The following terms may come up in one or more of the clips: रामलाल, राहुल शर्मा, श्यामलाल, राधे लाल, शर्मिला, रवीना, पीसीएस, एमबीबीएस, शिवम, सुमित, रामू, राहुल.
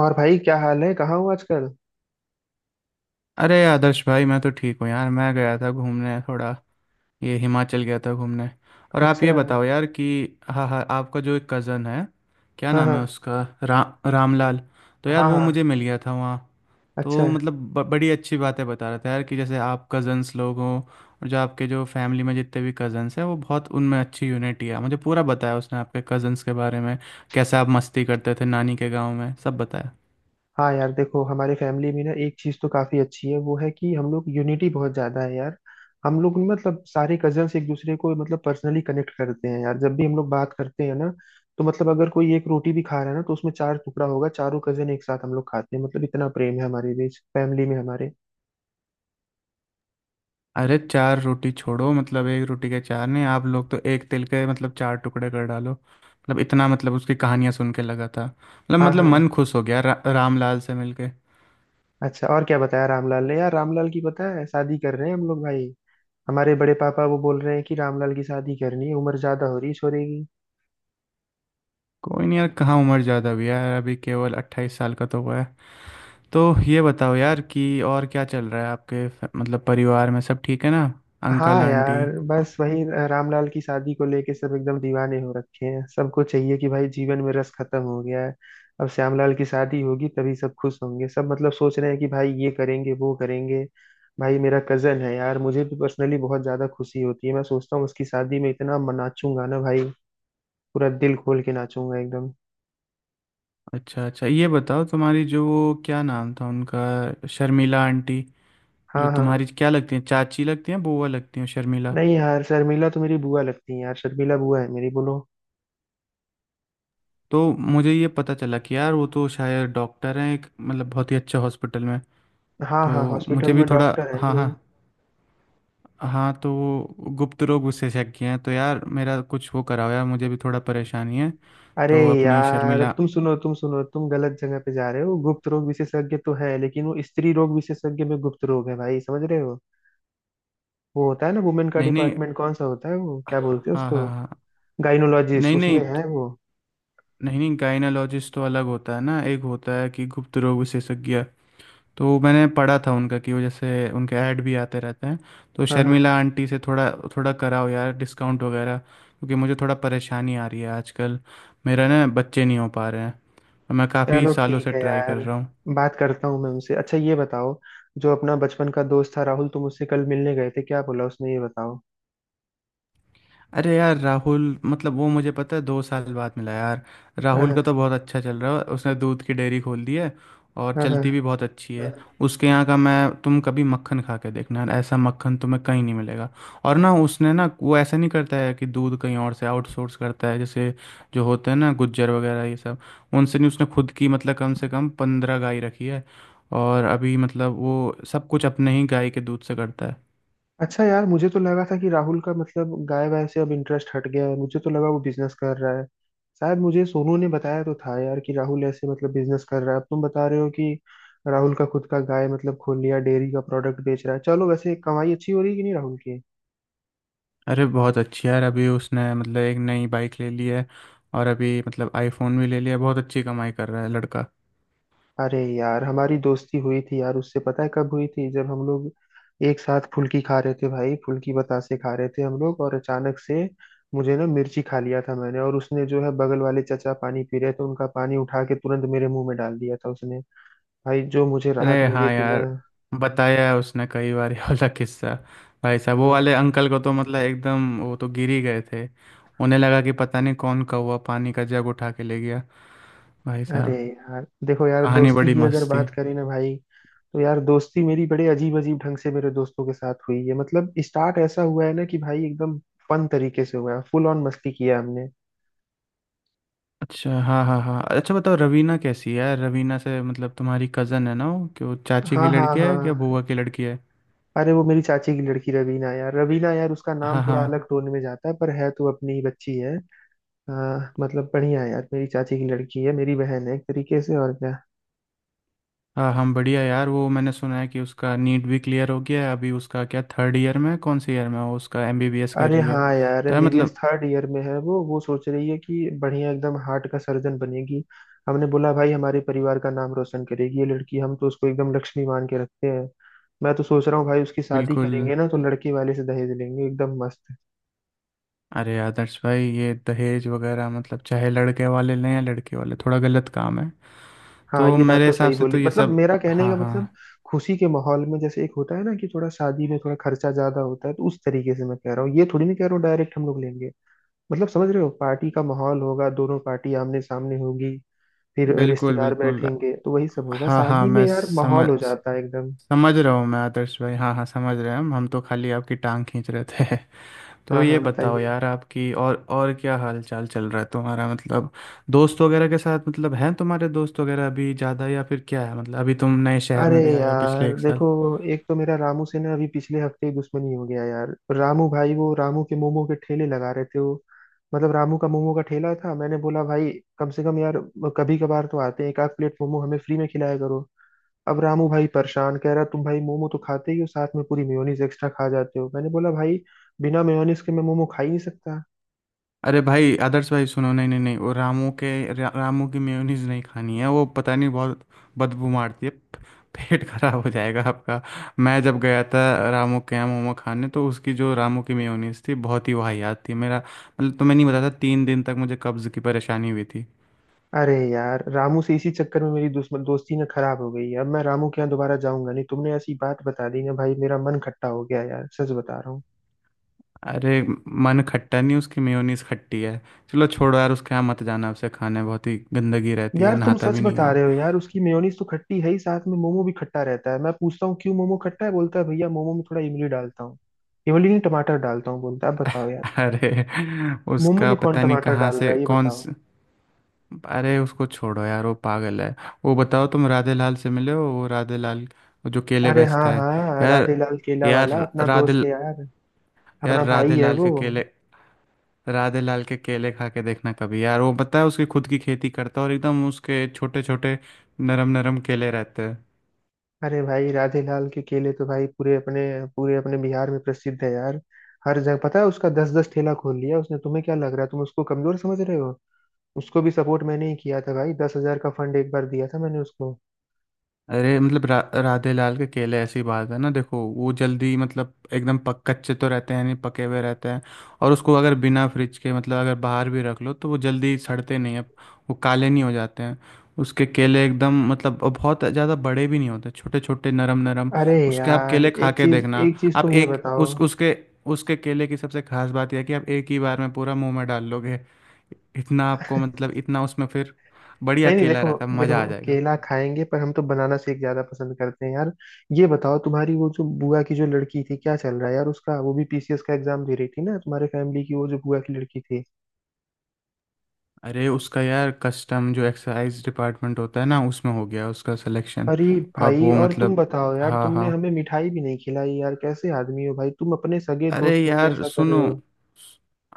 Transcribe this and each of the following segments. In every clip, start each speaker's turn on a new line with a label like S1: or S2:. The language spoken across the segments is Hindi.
S1: और भाई क्या हाल है? कहाँ हो आजकल?
S2: अरे आदर्श भाई, मैं तो ठीक हूँ यार। मैं गया था घूमने थोड़ा, ये हिमाचल गया था घूमने। और आप ये
S1: अच्छा।
S2: बताओ यार कि, हाँ हाँ, आपका जो एक कज़न है, क्या
S1: हाँ
S2: नाम है
S1: हाँ
S2: उसका, रामलाल। तो यार
S1: हाँ
S2: वो
S1: हाँ।
S2: मुझे मिल गया था वहाँ।
S1: अच्छा।
S2: तो मतलब बड़ी अच्छी बातें बता रहा था यार कि जैसे आप कज़न्स लोग हों, और जो आपके जो फैमिली में जितने भी कज़न्स हैं वो, बहुत उनमें अच्छी यूनिटी है। मुझे पूरा बताया उसने आपके कज़न्स के बारे में, कैसे आप मस्ती करते थे नानी के गाँव में, सब बताया।
S1: हाँ यार देखो, हमारे फैमिली में ना एक चीज तो काफी अच्छी है, वो है कि हम लोग, यूनिटी बहुत ज्यादा है यार। हम लोग मतलब सारे कजन्स एक दूसरे को मतलब पर्सनली कनेक्ट करते हैं यार। जब भी हम लोग बात करते हैं ना, तो मतलब अगर कोई एक रोटी भी खा रहा है ना, तो उसमें चार टुकड़ा होगा, चारों कजन एक साथ हम लोग खाते हैं। मतलब इतना प्रेम है हमारे बीच फैमिली में हमारे।
S2: अरे चार रोटी छोड़ो, मतलब एक रोटी के चार नहीं, आप लोग तो एक तिल के मतलब चार टुकड़े कर डालो। मतलब इतना, मतलब उसकी कहानियां सुन के लगा था, मतलब
S1: हाँ
S2: मतलब
S1: हाँ।
S2: मन खुश हो गया रामलाल से मिलके।
S1: अच्छा, और क्या बताया रामलाल ने यार? रामलाल की पता है, शादी कर रहे हैं हम लोग भाई। हमारे बड़े पापा वो बोल रहे हैं कि रामलाल की शादी करनी है, उम्र ज्यादा हो रही है छोरे की।
S2: कोई नहीं यार, कहाँ उम्र ज़्यादा हुई है यार, अभी केवल 28 साल का तो हुआ है। तो ये बताओ यार कि, और क्या चल रहा है आपके मतलब परिवार में, सब ठीक है ना, अंकल
S1: हाँ
S2: आंटी।
S1: यार बस वही। रामलाल की शादी को लेके सब एकदम दीवाने हो रखे हैं। सबको चाहिए कि भाई जीवन में रस खत्म हो गया है। अब श्यामलाल की शादी होगी तभी सब खुश होंगे। सब मतलब सोच रहे हैं कि भाई ये करेंगे वो करेंगे। भाई मेरा कजन है यार, मुझे भी पर्सनली बहुत ज्यादा खुशी होती है। मैं सोचता हूँ उसकी शादी में इतना नाचूंगा ना भाई। पूरा दिल खोल के नाचूंगा एकदम।
S2: अच्छा अच्छा, ये बताओ तुम्हारी जो वो, क्या नाम था उनका, शर्मिला आंटी, जो
S1: हाँ हाँ।
S2: तुम्हारी क्या लगती है, चाची लगती हैं, बुआ लगती हैं शर्मिला।
S1: नहीं यार, शर्मिला तो मेरी बुआ लगती है यार। शर्मिला बुआ है मेरी, बोलो।
S2: तो मुझे ये पता चला कि यार वो तो शायद डॉक्टर हैं एक मतलब बहुत ही अच्छे हॉस्पिटल में।
S1: हाँ हाँ।
S2: तो
S1: हॉस्पिटल
S2: मुझे भी
S1: में
S2: थोड़ा,
S1: डॉक्टर है
S2: हाँ
S1: वो।
S2: हाँ, हाँ तो वो गुप्त रोग विशेषज्ञ हैं, तो यार मेरा कुछ वो कराओ यार, मुझे भी थोड़ा परेशानी है।
S1: अरे
S2: तो अपनी
S1: यार
S2: शर्मिला,
S1: तुम सुनो, तुम सुनो, तुम गलत जगह पे जा रहे हो। गुप्त रोग विशेषज्ञ तो है, लेकिन वो स्त्री रोग विशेषज्ञ में गुप्त रोग है भाई, समझ रहे हो? वो होता है ना वुमेन का
S2: नहीं नहीं,
S1: डिपार्टमेंट, कौन सा होता है वो? क्या बोलते हैं
S2: हाँ हाँ
S1: उसको?
S2: हाँ,
S1: गाइनोलॉजिस्ट,
S2: नहीं नहीं
S1: उसमें है वो।
S2: नहीं नहीं, गायनोलॉजिस्ट तो अलग होता है ना, एक होता है कि गुप्त रोग विशेषज्ञ। तो मैंने पढ़ा था उनका कि वो, जैसे उनके ऐड भी आते रहते हैं, तो
S1: हाँ हाँ।
S2: शर्मिला आंटी से थोड़ा, थोड़ा कराओ यार डिस्काउंट वगैरह, क्योंकि मुझे थोड़ा परेशानी आ रही है आजकल। मेरा ना बच्चे नहीं हो पा रहे हैं, मैं काफ़ी
S1: चलो
S2: सालों
S1: ठीक
S2: से
S1: है
S2: ट्राई कर
S1: यार,
S2: रहा हूँ।
S1: बात करता हूँ मैं उनसे। अच्छा ये बताओ, जो अपना बचपन का दोस्त था राहुल, तुम उससे कल मिलने गए थे, क्या बोला उसने, ये बताओ।
S2: अरे यार राहुल, मतलब वो मुझे पता है 2 साल बाद मिला यार। राहुल का तो
S1: हाँ
S2: बहुत अच्छा चल रहा है, उसने दूध की डेयरी खोल दी है, और
S1: हाँ हाँ
S2: चलती भी बहुत अच्छी
S1: हाँ।
S2: है। उसके यहाँ का, मैं तुम कभी मक्खन खा के देखना यार, ऐसा मक्खन तुम्हें कहीं नहीं मिलेगा। और ना उसने ना, वो ऐसा नहीं करता है कि दूध कहीं और से आउटसोर्स करता है, जैसे जो होते हैं ना गुज्जर वगैरह ये सब, उनसे नहीं। उसने खुद की मतलब कम से कम 15 गाय रखी है, और अभी मतलब वो सब कुछ अपने ही गाय के दूध से करता है।
S1: अच्छा यार, मुझे तो लगा था कि राहुल का मतलब गाय वाय से अब इंटरेस्ट हट गया है। मुझे तो लगा वो बिजनेस कर रहा है शायद। मुझे सोनू ने बताया तो था यार कि राहुल ऐसे मतलब बिजनेस कर रहा है। अब तुम बता रहे हो कि राहुल का खुद का गाय, मतलब खोल लिया, डेयरी का प्रोडक्ट बेच रहा है। चलो, वैसे कमाई अच्छी हो रही है कि नहीं राहुल की?
S2: अरे बहुत अच्छी यार, अभी उसने मतलब एक नई बाइक ले ली है, और अभी मतलब आईफोन भी ले लिया, बहुत अच्छी कमाई कर रहा है लड़का।
S1: अरे यार, हमारी दोस्ती हुई थी यार उससे, पता है कब हुई थी? जब हम लोग एक साथ फुल्की खा रहे थे भाई, फुल्की बतासे खा रहे थे हम लोग, और अचानक से मुझे ना मिर्ची खा लिया था मैंने। और उसने जो है, बगल वाले चचा पानी पी रहे थे, उनका पानी उठा के तुरंत मेरे मुंह में डाल दिया था उसने। भाई जो मुझे राहत
S2: अरे
S1: मिली
S2: हाँ
S1: थी ना।
S2: यार, बताया है उसने कई बार ये वाला किस्सा। भाई साहब वो
S1: हाँ।
S2: वाले अंकल को तो मतलब एकदम, वो तो गिर ही गए थे। उन्हें लगा कि पता नहीं कौन कौवा पानी का जग उठा के ले गया। भाई
S1: अरे
S2: साहब,
S1: यार देखो, यार
S2: कहानी
S1: दोस्ती
S2: बड़ी
S1: की अगर
S2: मस्त थी।
S1: बात करें ना भाई, तो यार दोस्ती मेरी बड़े अजीब अजीब ढंग से मेरे दोस्तों के साथ हुई है। मतलब स्टार्ट ऐसा हुआ है ना कि भाई एकदम फन तरीके से हुआ है। फुल ऑन मस्ती किया हमने।
S2: अच्छा हाँ हाँ हाँ, अच्छा बताओ रवीना कैसी है यार? रवीना से मतलब, तुम्हारी कज़न है ना वो, कि वो चाची की
S1: हाँ हाँ
S2: लड़की है
S1: हाँ
S2: या
S1: हाँ।
S2: बुआ की लड़की है।
S1: अरे वो मेरी चाची की लड़की रवीना, यार रवीना यार, उसका नाम
S2: हाँ
S1: थोड़ा
S2: हाँ,
S1: अलग टोन में जाता है, पर है तो अपनी ही बच्ची है। हाँ, मतलब बढ़िया है यार। मेरी चाची की लड़की है, मेरी बहन है एक तरीके से, और क्या।
S2: हाँ हम बढ़िया यार, वो मैंने सुना है कि उसका नीट भी क्लियर हो गया है, अभी उसका क्या थर्ड ईयर में है? कौन से ईयर में है वो, उसका एमबीबीएस कर
S1: अरे
S2: रही हो
S1: हाँ यार,
S2: तो यार
S1: एमबीबीएस
S2: मतलब,
S1: थर्ड ईयर में है वो। वो सोच रही है कि बढ़िया एकदम हार्ट का सर्जन बनेगी। हमने बोला भाई, हमारे परिवार का नाम रोशन करेगी ये लड़की, हम तो उसको एकदम लक्ष्मी मान के रखते हैं। मैं तो सोच रहा हूँ भाई, उसकी शादी
S2: बिल्कुल।
S1: करेंगे ना तो लड़के वाले से दहेज लेंगे एकदम मस्त।
S2: अरे आदर्श भाई, ये दहेज वगैरह मतलब चाहे लड़के वाले लें या लड़के वाले, थोड़ा गलत काम है,
S1: हाँ
S2: तो
S1: ये बात
S2: मेरे
S1: तो
S2: हिसाब
S1: सही
S2: से तो
S1: बोली।
S2: ये
S1: मतलब
S2: सब,
S1: मेरा कहने
S2: हाँ
S1: का
S2: हाँ,
S1: मतलब खुशी के माहौल में, जैसे एक होता है ना कि थोड़ा शादी में थोड़ा खर्चा ज्यादा होता है, तो उस तरीके से मैं कह रहा हूँ। ये थोड़ी नहीं कह रहा हूँ डायरेक्ट हम लोग लेंगे। मतलब समझ रहे हो, पार्टी का माहौल होगा, दोनों पार्टी आमने सामने होगी, फिर
S2: बिल्कुल
S1: रिश्तेदार
S2: बिल्कुल,
S1: बैठेंगे, तो वही सब होगा।
S2: हाँ हाँ,
S1: शादी में
S2: मैं
S1: यार माहौल
S2: समझ
S1: हो जाता है एकदम।
S2: समझ रहा हूँ मैं आदर्श भाई, हाँ हाँ, समझ रहे हैं हम तो खाली आपकी टांग खींच रहे थे। तो
S1: हाँ
S2: ये
S1: हाँ,
S2: बताओ
S1: बताइए।
S2: यार आपकी और क्या हाल चाल चल रहा है तुम्हारा, मतलब दोस्त वगैरह के साथ, मतलब हैं तुम्हारे दोस्त वगैरह अभी ज़्यादा या फिर क्या है, मतलब अभी तुम नए शहर
S1: अरे
S2: में भी आए हो पिछले
S1: यार
S2: एक साल।
S1: देखो, एक तो मेरा रामू से ना अभी पिछले हफ्ते ही दुश्मनी हो गया यार। रामू भाई वो रामू के मोमो के ठेले लगा रहे थे वो। मतलब रामू का मोमो का ठेला था। मैंने बोला भाई, कम से कम यार कभी कभार तो आते हैं, एक आध प्लेट मोमो हमें फ्री में खिलाया करो। अब रामू भाई परेशान, कह रहा तुम भाई मोमो तो खाते ही हो, साथ में पूरी मेयोनीज एक्स्ट्रा खा जाते हो। मैंने बोला भाई, बिना मेयोनीज के मैं मोमो खा ही नहीं सकता।
S2: अरे भाई आदर्श भाई सुनो, नहीं नहीं नहीं, वो रामू के रामू की मेयोनीज नहीं खानी है, वो पता नहीं बहुत बदबू मारती है, पेट खराब हो जाएगा आपका। मैं जब गया था रामू के यहाँ मोमो खाने, तो उसकी जो रामू की मेयोनीज थी बहुत ही वाहियात थी, मेरा मतलब तुम्हें नहीं बताता, 3 दिन तक मुझे कब्ज़ की परेशानी हुई थी।
S1: अरे यार, रामू से इसी चक्कर में मेरी दुश्मन दोस्ती ना खराब हो गई है। अब मैं रामू के यहाँ दोबारा जाऊंगा नहीं, तुमने ऐसी बात बता दी ना भाई, मेरा मन खट्टा हो गया यार, सच बता रहा हूँ।
S2: अरे मन खट्टा नहीं, उसकी मेयोनीज खट्टी है। चलो छोड़ो यार उसके यहाँ मत जाना, उसे खाने बहुत ही गंदगी रहती है,
S1: यार तुम
S2: नहाता
S1: सच
S2: भी नहीं
S1: बता
S2: हो।
S1: रहे हो यार, उसकी मेयोनीज तो खट्टी है ही, साथ में मोमो भी खट्टा रहता है। मैं पूछता हूँ क्यों मोमो खट्टा है? बोलता है भैया मोमो में थोड़ा इमली डालता हूँ। इमली नहीं टमाटर डालता हूँ बोलता है, अब बताओ यार,
S2: अरे
S1: मोमो
S2: उसका
S1: में कौन
S2: पता नहीं
S1: टमाटर
S2: कहाँ
S1: डाल
S2: से
S1: रहा है, ये
S2: कौन
S1: बताओ।
S2: से, अरे उसको छोड़ो यार, वो पागल है। वो बताओ तुम राधे लाल से मिले हो, वो राधे लाल, वो जो केले
S1: अरे हाँ
S2: बेचता है।
S1: हाँ,
S2: यार,
S1: राधे लाल केला
S2: यार
S1: वाला अपना
S2: राधे,
S1: दोस्त है यार,
S2: यार
S1: अपना
S2: राधे
S1: भाई है
S2: लाल के
S1: वो।
S2: केले, राधे लाल के केले खा के देखना कभी यार, वो पता है उसकी खुद की खेती करता है, और एकदम उसके छोटे छोटे नरम नरम केले रहते हैं।
S1: अरे भाई, राधे लाल के केले तो भाई पूरे अपने, पूरे अपने बिहार में प्रसिद्ध है यार। हर जगह पता है उसका, दस दस ठेला खोल लिया उसने। तुम्हें क्या लग रहा है, तुम उसको कमजोर समझ रहे हो? उसको भी सपोर्ट मैंने ही किया था भाई, 10,000 का फंड एक बार दिया था मैंने उसको।
S2: अरे मतलब राधे लाल के केले, ऐसी बात है ना देखो, वो जल्दी मतलब एकदम पक कच्चे तो रहते हैं नहीं, पके हुए रहते हैं। और उसको अगर बिना फ्रिज के मतलब अगर बाहर भी रख लो, तो वो जल्दी सड़ते नहीं है, वो काले नहीं हो जाते हैं। उसके केले एकदम, मतलब और बहुत ज़्यादा बड़े भी नहीं होते, छोटे छोटे नरम नरम।
S1: अरे
S2: उसके आप
S1: यार,
S2: केले खा के देखना।
S1: एक चीज
S2: आप
S1: तुम ये
S2: एक
S1: बताओ।
S2: उस उसके उसके केले की सबसे खास बात यह है कि आप एक ही बार में पूरा मुंह में डाल लोगे, इतना आपको, मतलब इतना उसमें फिर बढ़िया
S1: नहीं नहीं
S2: केला
S1: देखो,
S2: रहता है,
S1: देखो
S2: मज़ा आ जाएगा।
S1: केला खाएंगे पर हम तो बनाना शेक ज्यादा पसंद करते हैं यार। ये बताओ तुम्हारी वो जो बुआ की जो लड़की थी, क्या चल रहा है यार उसका? वो भी पीसीएस का एग्जाम दे रही थी ना, तुम्हारे फैमिली की वो जो बुआ की लड़की थी।
S2: अरे उसका यार कस्टम जो एक्सरसाइज डिपार्टमेंट होता है ना, उसमें हो गया उसका सिलेक्शन।
S1: अरे
S2: अब
S1: भाई,
S2: वो
S1: और तुम
S2: मतलब,
S1: बताओ यार,
S2: हाँ
S1: तुमने
S2: हाँ,
S1: हमें मिठाई भी नहीं खिलाई यार। कैसे आदमी हो भाई तुम, अपने सगे
S2: अरे
S1: दोस्त हो के
S2: यार
S1: ऐसा कर
S2: सुनो,
S1: रहे हो?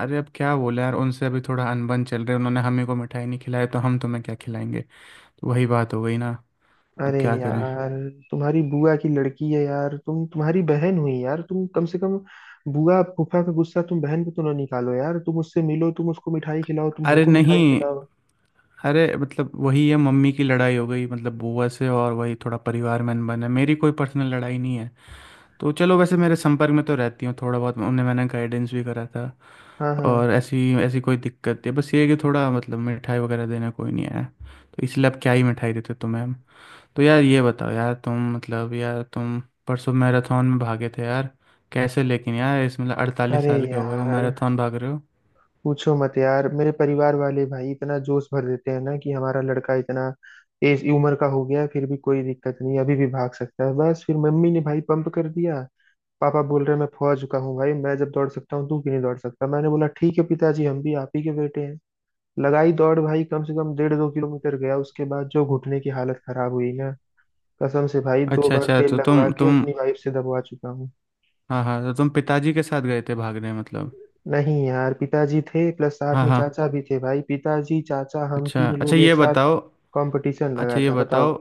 S2: अरे अब क्या बोले यार उनसे, अभी थोड़ा अनबन चल रहा है, उन्होंने हमें को मिठाई नहीं खिलाई तो हम तुम्हें क्या खिलाएंगे, तो वही बात हो गई ना, अब
S1: अरे
S2: क्या करें।
S1: यार, तुम्हारी बुआ की लड़की है यार, तुम्हारी बहन हुई यार, तुम कम से कम, बुआ फूफा का गुस्सा तुम बहन पे तो ना निकालो यार। तुम उससे मिलो, तुम उसको मिठाई खिलाओ, तुम
S2: अरे
S1: हमको
S2: नहीं,
S1: मिठाई खिलाओ।
S2: अरे मतलब वही है, मम्मी की लड़ाई हो गई मतलब बुआ से, और वही थोड़ा परिवार में अनबन है, मेरी कोई पर्सनल लड़ाई नहीं है। तो चलो वैसे मेरे संपर्क में तो रहती हूँ थोड़ा बहुत, उन्हें मैंने गाइडेंस भी करा था,
S1: हाँ हाँ।
S2: और ऐसी ऐसी कोई दिक्कत नहीं है, बस ये है कि थोड़ा मतलब मिठाई वगैरह देना कोई नहीं आया, तो इसलिए अब क्या ही मिठाई देते तुम्हें हम। तो यार ये बताओ यार, तुम मतलब यार तुम परसों मैराथन में भागे थे यार, कैसे लेकिन यार, इसमें अड़तालीस
S1: अरे
S2: साल के हो गए हो
S1: यार
S2: मैराथन भाग रहे हो।
S1: पूछो मत यार, मेरे परिवार वाले भाई इतना जोश भर देते हैं ना कि हमारा लड़का इतना एज उम्र का हो गया है, फिर भी कोई दिक्कत नहीं, अभी भी भाग सकता है। बस फिर मम्मी ने भाई पंप कर दिया। पापा बोल रहे हैं, मैं फौज चुका हूँ भाई, मैं जब दौड़ सकता हूँ तू क्यों नहीं दौड़ सकता। मैंने बोला ठीक है पिताजी, हम भी आप ही के बेटे हैं। लगाई दौड़ भाई, कम से कम डेढ़ दो किलोमीटर गया, उसके बाद जो घुटने की हालत खराब हुई ना, कसम से भाई, दो
S2: अच्छा
S1: बार
S2: अच्छा
S1: तेल
S2: तो
S1: लगवा
S2: तुम
S1: के
S2: तुम
S1: अपनी वाइफ से दबवा चुका हूँ।
S2: हाँ हाँ, तो तुम पिताजी के साथ गए थे भागने मतलब।
S1: नहीं यार, पिताजी थे, प्लस साथ
S2: हाँ
S1: में
S2: हाँ,
S1: चाचा भी थे भाई। पिताजी, चाचा, हम
S2: अच्छा
S1: तीन
S2: अच्छा
S1: लोग
S2: ये
S1: एक साथ
S2: बताओ,
S1: कंपटीशन
S2: अच्छा
S1: लगा
S2: ये
S1: था,
S2: बताओ,
S1: बताओ।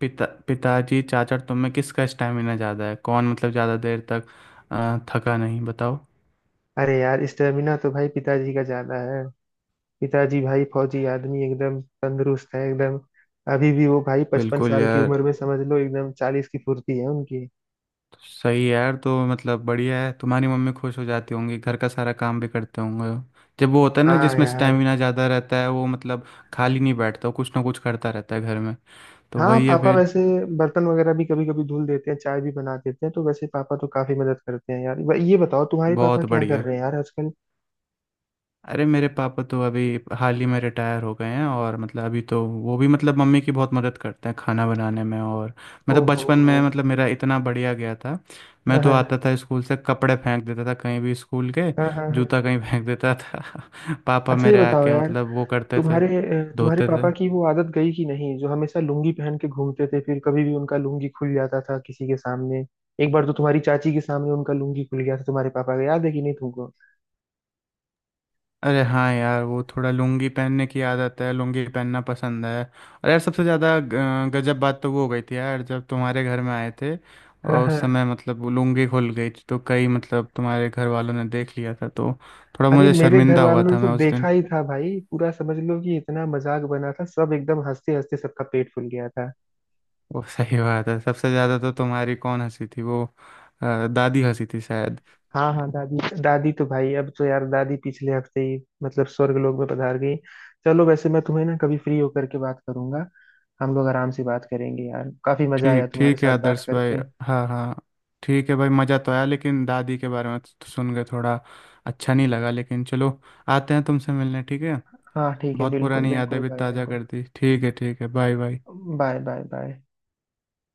S2: पिताजी चाचा और तुम में किसका स्टैमिना ज़्यादा है, कौन मतलब ज़्यादा देर तक थका नहीं, बताओ।
S1: अरे यार, स्टेमिना तो भाई पिताजी का ज्यादा है। पिताजी भाई फौजी आदमी, एकदम तंदुरुस्त है एकदम। अभी भी वो भाई पचपन
S2: बिल्कुल
S1: साल की
S2: यार,
S1: उम्र में समझ लो एकदम 40 की फुर्ती है उनकी।
S2: तो सही है यार, तो मतलब बढ़िया है, तुम्हारी मम्मी खुश हो जाती होंगी, घर का सारा काम भी करते होंगे। जब वो होता है ना
S1: हाँ
S2: जिसमें
S1: यार।
S2: स्टेमिना ज़्यादा रहता है, वो मतलब खाली नहीं बैठता, वो कुछ ना कुछ करता रहता है घर में, तो
S1: हाँ
S2: वही है
S1: पापा
S2: फिर।
S1: वैसे बर्तन वगैरह भी कभी कभी धुल देते हैं, चाय भी बना देते हैं, तो वैसे पापा तो काफी मदद करते हैं यार। ये बताओ तुम्हारे पापा
S2: बहुत
S1: क्या कर
S2: बढ़िया।
S1: रहे हैं यार आजकल?
S2: अरे मेरे पापा तो अभी हाल ही में रिटायर हो गए हैं, और मतलब अभी तो वो भी मतलब मम्मी की बहुत मदद करते हैं खाना बनाने में, और मतलब
S1: ओहो।
S2: बचपन में मतलब मेरा इतना बढ़िया गया था, मैं
S1: हाँ
S2: तो
S1: हाँ
S2: आता था स्कूल से कपड़े फेंक देता था कहीं भी, स्कूल के
S1: हाँ हाँ
S2: जूता
S1: हाँ।
S2: कहीं फेंक देता था पापा
S1: अच्छा ये
S2: मेरे
S1: बताओ
S2: आके
S1: यार,
S2: मतलब वो करते थे,
S1: तुम्हारे
S2: धोते थे।
S1: पापा की वो आदत गई कि नहीं, जो हमेशा लुंगी पहन के घूमते थे, फिर कभी भी उनका लुंगी खुल जाता था किसी के सामने। एक बार तो तुम्हारी चाची के सामने उनका लुंगी खुल गया था तुम्हारे पापा का, याद है कि नहीं तुमको?
S2: अरे हाँ यार, वो थोड़ा लुंगी पहनने की आदत है, लुंगी पहनना पसंद है। और यार सबसे ज़्यादा गजब बात तो वो हो गई थी यार जब तुम्हारे घर में आए थे,
S1: हाँ
S2: और उस
S1: हाँ।
S2: समय मतलब वो लुंगी खुल गई थी, तो कई मतलब तुम्हारे घर वालों ने देख लिया था, तो थोड़ा
S1: अरे
S2: मुझे
S1: मेरे घर
S2: शर्मिंदा हुआ
S1: वालों ने
S2: था
S1: तो
S2: मैं उस दिन।
S1: देखा ही था भाई, पूरा समझ लो कि इतना मजाक बना था, सब एकदम हंसते हंसते सबका पेट फूल गया था।
S2: वो सही बात है, सबसे ज़्यादा तो तुम्हारी कौन हंसी थी वो, दादी हंसी थी शायद।
S1: हाँ हाँ दादी, दादी तो भाई अब तो यार, दादी पिछले हफ्ते ही मतलब स्वर्ग लोक में पधार गई। चलो, वैसे मैं तुम्हें ना कभी फ्री होकर के बात करूंगा। हम लोग आराम से बात करेंगे यार, काफी मजा आया
S2: ठीक
S1: तुम्हारे
S2: ठीक है
S1: साथ बात
S2: आदर्श भाई,
S1: करके।
S2: हाँ हाँ, ठीक है भाई, मज़ा तो आया, लेकिन दादी के बारे में तो सुन के थोड़ा अच्छा नहीं लगा, लेकिन चलो, आते हैं तुमसे मिलने, ठीक है।
S1: हाँ ठीक है,
S2: बहुत
S1: बिल्कुल
S2: पुरानी यादें
S1: बिल्कुल
S2: भी
S1: भाई,
S2: ताज़ा
S1: बिल्कुल।
S2: कर दी, ठीक है ठीक है, bye bye.
S1: Bye bye bye.